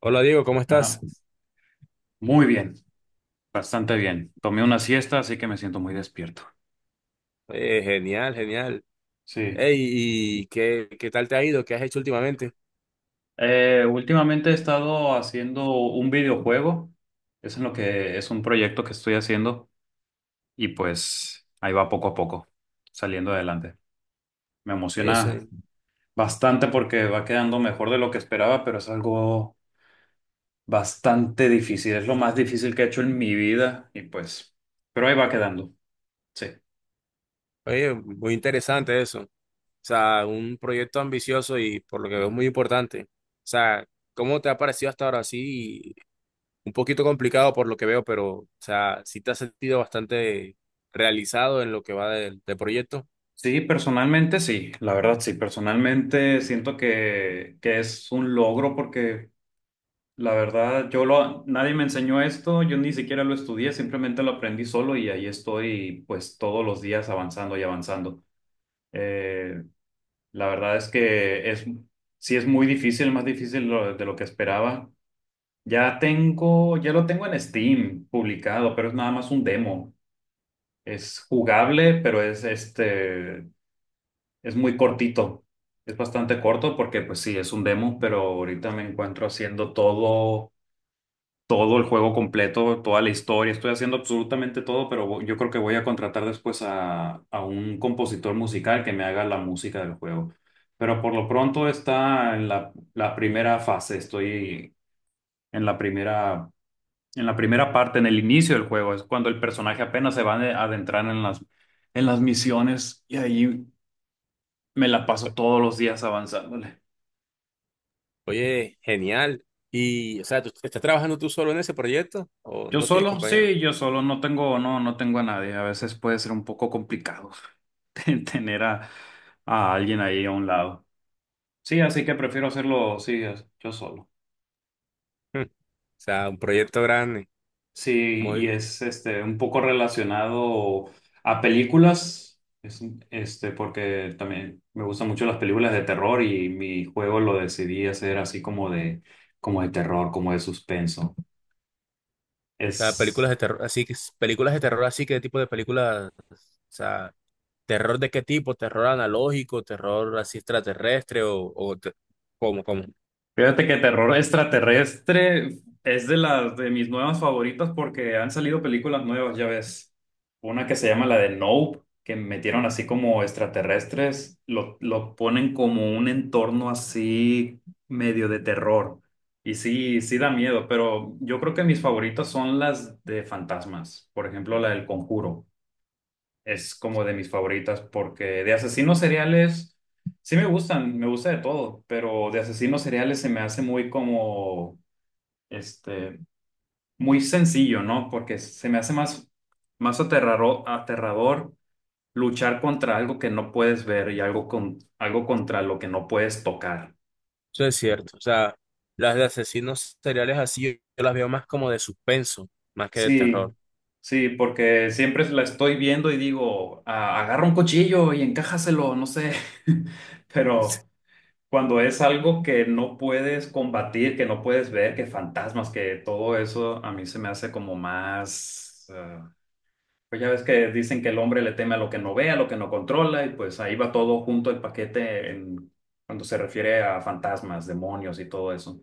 Hola Diego, ¿cómo estás? Ajá. Muy bien, bastante bien. Tomé una siesta, así que me siento muy despierto. Genial, genial. Sí. Ey, ¿y qué tal te ha ido? ¿Qué has hecho últimamente? Últimamente he estado haciendo un videojuego. Es en lo que es un proyecto que estoy haciendo y pues ahí va poco a poco, saliendo adelante. Me Eso, emociona bastante porque va quedando mejor de lo que esperaba, pero es algo bastante difícil. Es lo más difícil que he hecho en mi vida y pues, pero ahí va quedando. Sí. oye, muy interesante eso. O sea, un proyecto ambicioso y por lo que veo muy importante. O sea, ¿cómo te ha parecido hasta ahora? Sí, un poquito complicado por lo que veo, pero, o sea, sí te has sentido bastante realizado en lo que va del proyecto. Sí, personalmente sí, la verdad sí, personalmente siento que es un logro porque la verdad yo lo, nadie me enseñó esto, yo ni siquiera lo estudié, simplemente lo aprendí solo y ahí estoy pues todos los días avanzando y avanzando. Eh, la verdad es que es, sí es muy difícil, más difícil de lo que esperaba. Ya lo tengo en Steam publicado, pero es nada más un demo. Es jugable, pero es este. Es muy cortito, es bastante corto porque pues sí, es un demo, pero ahorita me encuentro haciendo todo, todo el juego completo, toda la historia, estoy haciendo absolutamente todo, pero yo creo que voy a contratar después a un compositor musical que me haga la música del juego. Pero por lo pronto está en la primera fase, estoy en la primera, en la primera, parte, en el inicio del juego, es cuando el personaje apenas se va a adentrar en las misiones y ahí... Me la paso todos los días avanzándole. Oye, genial. Y, o sea, ¿tú estás trabajando tú solo en ese proyecto o Yo no tienes solo, compañeros? sí, yo solo, no tengo, no tengo a nadie. A veces puede ser un poco complicado tener a alguien ahí a un lado. Sí, así que prefiero hacerlo, sí, yo solo. O sea, un proyecto grande. Sí, y Muy. es este un poco relacionado a películas, porque también me gustan mucho las películas de terror y mi juego lo decidí hacer así como de terror, como de suspenso. Las películas Es de terror, así que, películas de terror, así, que ¿qué tipo de películas? O sea, ¿terror de qué tipo? ¿Terror analógico? ¿Terror así extraterrestre? Cómo, cómo? Fíjate que terror extraterrestre es de las de mis nuevas favoritas porque han salido películas nuevas, ya ves. Una que se llama la de Nope, que metieron así como extraterrestres, lo ponen como un entorno así medio de terror. Y sí, sí da miedo, pero yo creo que mis favoritas son las de fantasmas, por ejemplo, la del Conjuro es como de mis favoritas porque de asesinos seriales sí me gustan, me gusta de todo, pero de asesinos seriales se me hace muy como, este, muy sencillo, ¿no? Porque se me hace más aterrador, aterrador luchar contra algo que no puedes ver y algo contra lo que no puedes tocar. Eso es cierto. O sea, las de asesinos seriales así, yo las veo más como de suspenso, más que de terror. Sí, sí, porque siempre la estoy viendo y digo, "Ah, agarra un cuchillo y encájaselo, no sé," pero... Cuando es algo que no puedes combatir, que no puedes ver, que fantasmas, que todo eso a mí se me hace como más... pues ya ves que dicen que el hombre le teme a lo que no ve, a lo que no controla, y pues ahí va todo junto el paquete en, cuando se refiere a fantasmas, demonios y todo eso.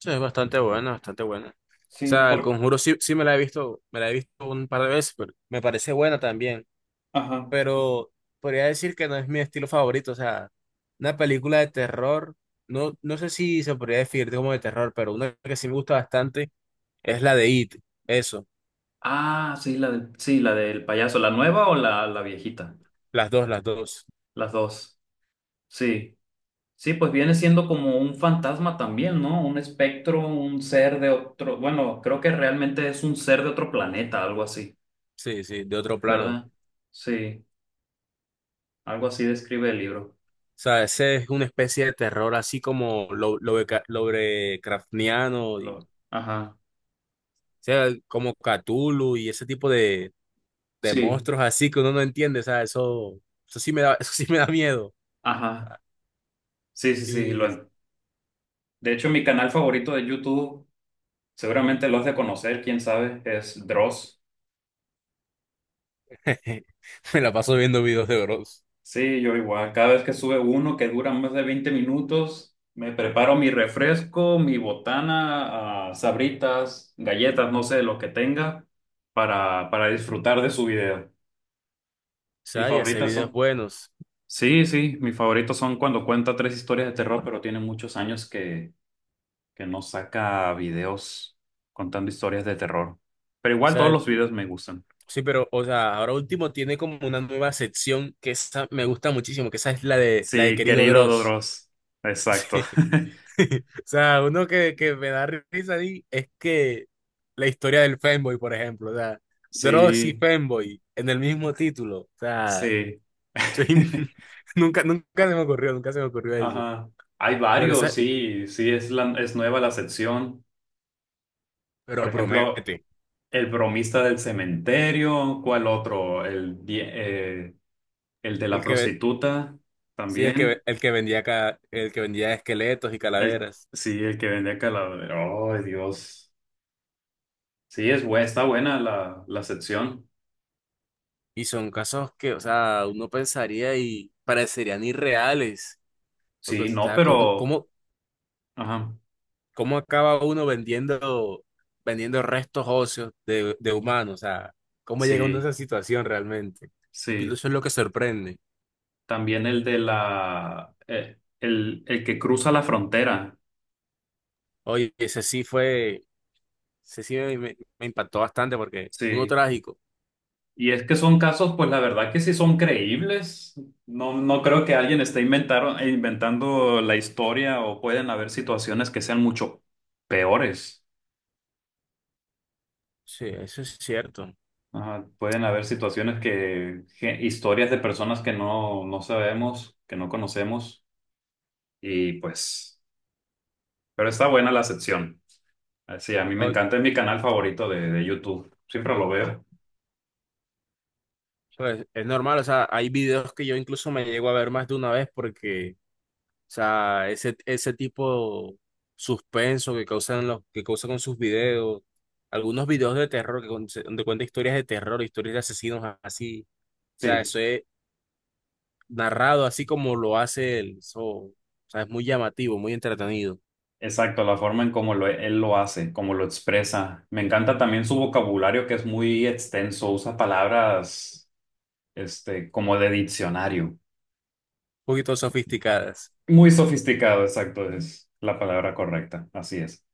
Eso es bastante buena, bastante buena. O Sí, sea, El por... Conjuro sí, sí me la he visto, me la he visto un par de veces, pero me parece buena también. Ajá. Pero podría decir que no es mi estilo favorito. O sea, una película de terror, no, no sé si se podría definir como de terror, pero una que sí me gusta bastante es la de It. Eso, Ah, sí, la del payaso, ¿la nueva o la viejita? las dos, las dos. Las dos. Sí. Sí, pues viene siendo como un fantasma también, ¿no? Un espectro, un ser de otro, bueno, creo que realmente es un ser de otro planeta, algo así, Sí, sí, de otro plano. ¿verdad? Sí, algo así describe el libro. O sea, ese es una especie de terror así como Lovecraftiano, y, o Ajá, sea, como Cthulhu y ese tipo de sí, monstruos así que uno no entiende. O sea, eso sí me da, eso sí me da miedo. ajá, sí, sí, sí. Y Lo... De hecho, mi canal favorito de YouTube, seguramente lo has de conocer, quién sabe, es Dross. me la paso viendo videos de bros. Sí, yo igual. Cada vez que sube uno que dura más de 20 minutos, me preparo mi refresco, mi botana, ah, sabritas, galletas, no sé, lo que tenga, para disfrutar de su video. O Mis sea, y hace favoritas videos son. buenos. O Sí, sí, mis favoritos son cuando cuenta tres historias de terror, pero tiene muchos años que no saca videos contando historias de terror. Pero igual sea, todos los videos me gustan. sí, pero, o sea, ahora último tiene como una nueva sección que esa me gusta muchísimo, que esa es la de Sí, Querido querido Dross. Dodros. Exacto. Sí. O sea, uno que me da risa ahí es que la historia del Femboy, por ejemplo. O sea, Dross y Sí, Femboy en el mismo título. O sea, sí. soy- nunca, nunca se me ocurrió, nunca se me ocurrió eso. Ajá. Hay Pero varios, esa, sí, sí, es, es nueva la sección. pero Por ejemplo, promete. el bromista del cementerio, ¿cuál otro? El de la El que, ve- prostituta sí, también. el que vendía, el que vendía esqueletos y El, calaveras. sí, el que vende calaveras. Oh, Dios. Sí, es buena, está buena la, la sección. Y son casos que, o sea, uno pensaría y parecerían irreales, porque, o Sí, no, sea, ¿cómo, pero... cómo, Ajá, cómo acaba uno vendiendo, vendiendo restos óseos de humanos? O sea, ¿cómo llega uno a sí, esa situación realmente? Y pues, sí. eso es lo que sorprende. También el de la... el que cruza la frontera. Oye, ese sí fue, ese sí me impactó bastante porque uno Sí. trágico. Y es que son casos, pues la verdad que sí son creíbles. No, no creo que alguien esté inventando la historia o pueden haber situaciones que sean mucho peores. Sí, eso es cierto. Ajá, pueden haber situaciones historias de personas que no sabemos, que no conocemos. Y pues, pero está buena la sección. Ah, sí, a mí me Oye, encanta, es mi canal favorito de YouTube. Siempre lo veo. pues es normal, o sea, hay videos que yo incluso me llego a ver más de una vez porque... O sea, ese tipo suspenso que causan los, que causa con sus videos, algunos videos de terror que donde cuenta historias de terror, historias de asesinos así. O sea, Sí. eso es narrado así como lo hace él. Eso, o sea, es muy llamativo, muy entretenido. Un Exacto, la forma en cómo él lo hace, cómo lo expresa. Me encanta también su vocabulario que es muy extenso, usa palabras como de diccionario. poquito sofisticadas. Muy sofisticado, exacto, es la palabra correcta, así es.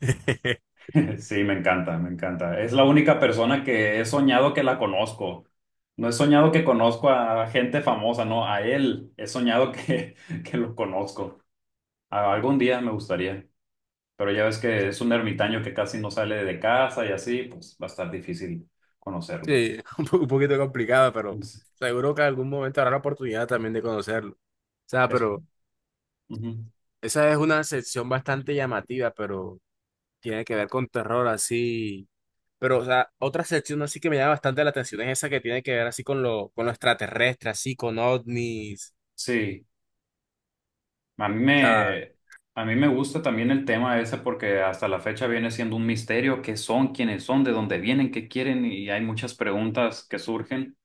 Sí, me encanta, me encanta. Es la única persona que he soñado que la conozco. No he soñado que conozco a gente famosa, no, a él he soñado que, que lo conozco. A- Algún día me gustaría. Pero ya ves que es un ermitaño que casi no sale de casa y así, pues va a estar difícil conocerlo. Sí, un un poquito complicada, pero Es, seguro que algún momento habrá la oportunidad también de conocerlo. O sea, es- pero Ujú. esa es una sección bastante llamativa, pero tiene que ver con terror así. Pero, o sea, otra sección así que me llama bastante la atención es esa que tiene que ver así con lo extraterrestre, así con ovnis. Sí, a mí O sea, me, a mí me gusta también el tema ese porque hasta la fecha viene siendo un misterio qué son, quiénes son, de dónde vienen, qué quieren y hay muchas preguntas que surgen.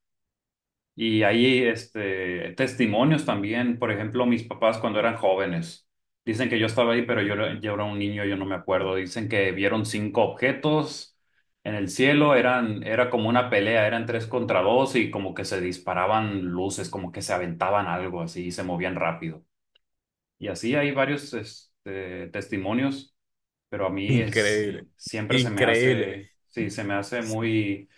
Y hay testimonios también, por ejemplo, mis papás cuando eran jóvenes, dicen que yo estaba ahí, pero yo era un niño, yo no me acuerdo, dicen que vieron cinco objetos en el cielo, eran, era como una pelea, eran tres contra dos y como que se disparaban luces, como que se aventaban algo así y se movían rápido. Y así hay varios testimonios, pero a mí es, increíble, siempre se me increíble. hace, sí, se me hace Sí, muy...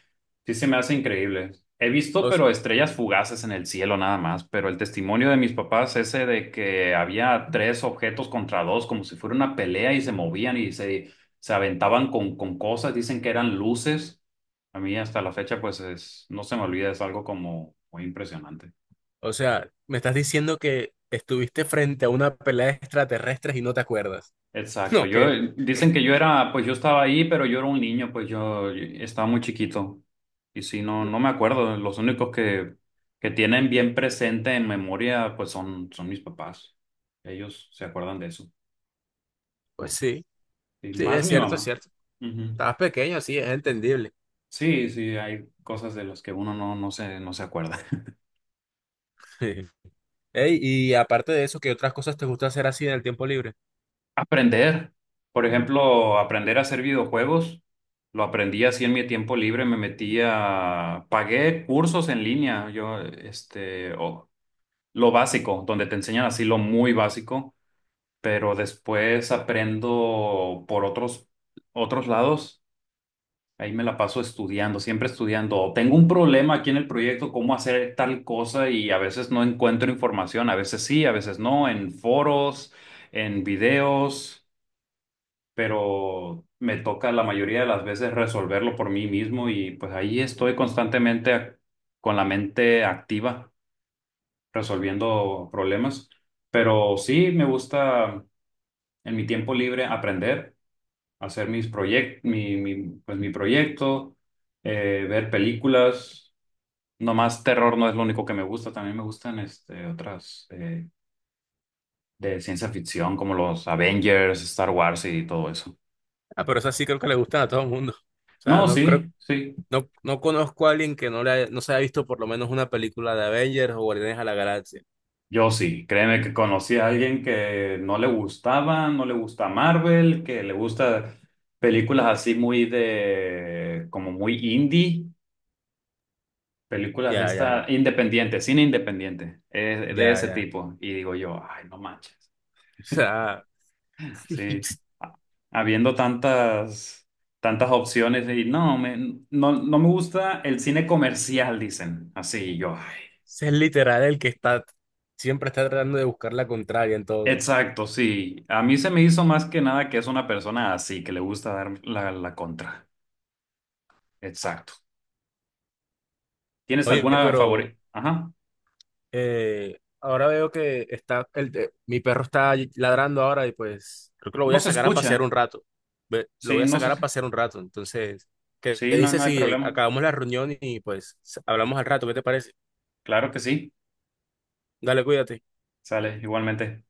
Sí, se me hace increíble. He visto, O, s- pero estrellas fugaces en el cielo nada más, pero el testimonio de mis papás, ese de que había tres objetos contra dos, como si fuera una pelea y se movían y se aventaban con cosas, dicen que eran luces. A mí hasta la fecha, pues es, no se me olvida, es algo como muy impresionante. o sea, me estás diciendo que estuviste frente a una pelea de extraterrestres y no te acuerdas. Exacto. No, Yo que, dicen que yo era, pues yo estaba ahí, pero yo era un niño, pues yo estaba muy chiquito. Y sí, no, no me acuerdo. Los únicos que tienen bien presente en memoria, pues son, son mis papás. Ellos se acuerdan de eso. pues sí, Y sí, más es mi cierto, es mamá. cierto. Ujú. Estabas pequeño, sí, es entendible. Sí, sí, hay cosas de las que uno no, no se acuerda. Ey, y aparte de eso, ¿qué otras cosas te gusta hacer así en el tiempo libre? Aprender, por ejemplo, aprender a hacer videojuegos, lo aprendí así en mi tiempo libre, pagué cursos en línea, lo básico, donde te enseñan así lo muy básico, pero después aprendo por otros, lados, ahí me la paso estudiando, siempre estudiando, o tengo un problema aquí en el proyecto, cómo hacer tal cosa y a veces no encuentro información, a veces sí, a veces no, en foros, en videos, pero me toca la mayoría de las veces resolverlo por mí mismo y pues ahí estoy constantemente con la mente activa resolviendo problemas. Pero sí me gusta en mi tiempo libre aprender, hacer mis proyectos, pues mi proyecto, ver películas. Nomás terror no es lo único que me gusta, también me gustan otras de ciencia ficción como los Avengers, Star Wars y todo eso. Ah, pero esas sí creo que le gustan a todo el mundo. O sea, No, no creo. sí, sí. No, no conozco a alguien que no se haya visto por lo menos una película de Avengers o Guardianes a la Galaxia. Yo sí, créeme que conocí a alguien que no le gustaba, no le gusta Marvel, que le gusta películas así muy de, como muy indie, películas de Ya, ya, ya, esta, independiente, cine independiente, de ya, ese ya. O tipo. Y digo yo, ay, no manches. sea, Sí, ese ha- habiendo tantas, tantas opciones y no me gusta el cine comercial, dicen. Así y yo. es literal el que está, siempre está tratando de buscar la contraria en todo. Exacto, sí. A mí se me hizo más que nada que es una persona así, que le gusta dar la contra. Exacto. ¿Tienes Oye, alguna pero favorita? Ajá. Ahora veo que está, mi perro está ladrando ahora y pues creo que lo voy No a se sacar a pasear un escucha. rato. Ve, lo voy Sí, a no se. sacar a pasear un rato. Entonces, ¿qué te Sí, no, no dices hay si problema. acabamos la reunión y pues hablamos al rato? ¿Qué te parece? Claro que sí. Dale, cuídate. Sale, igualmente.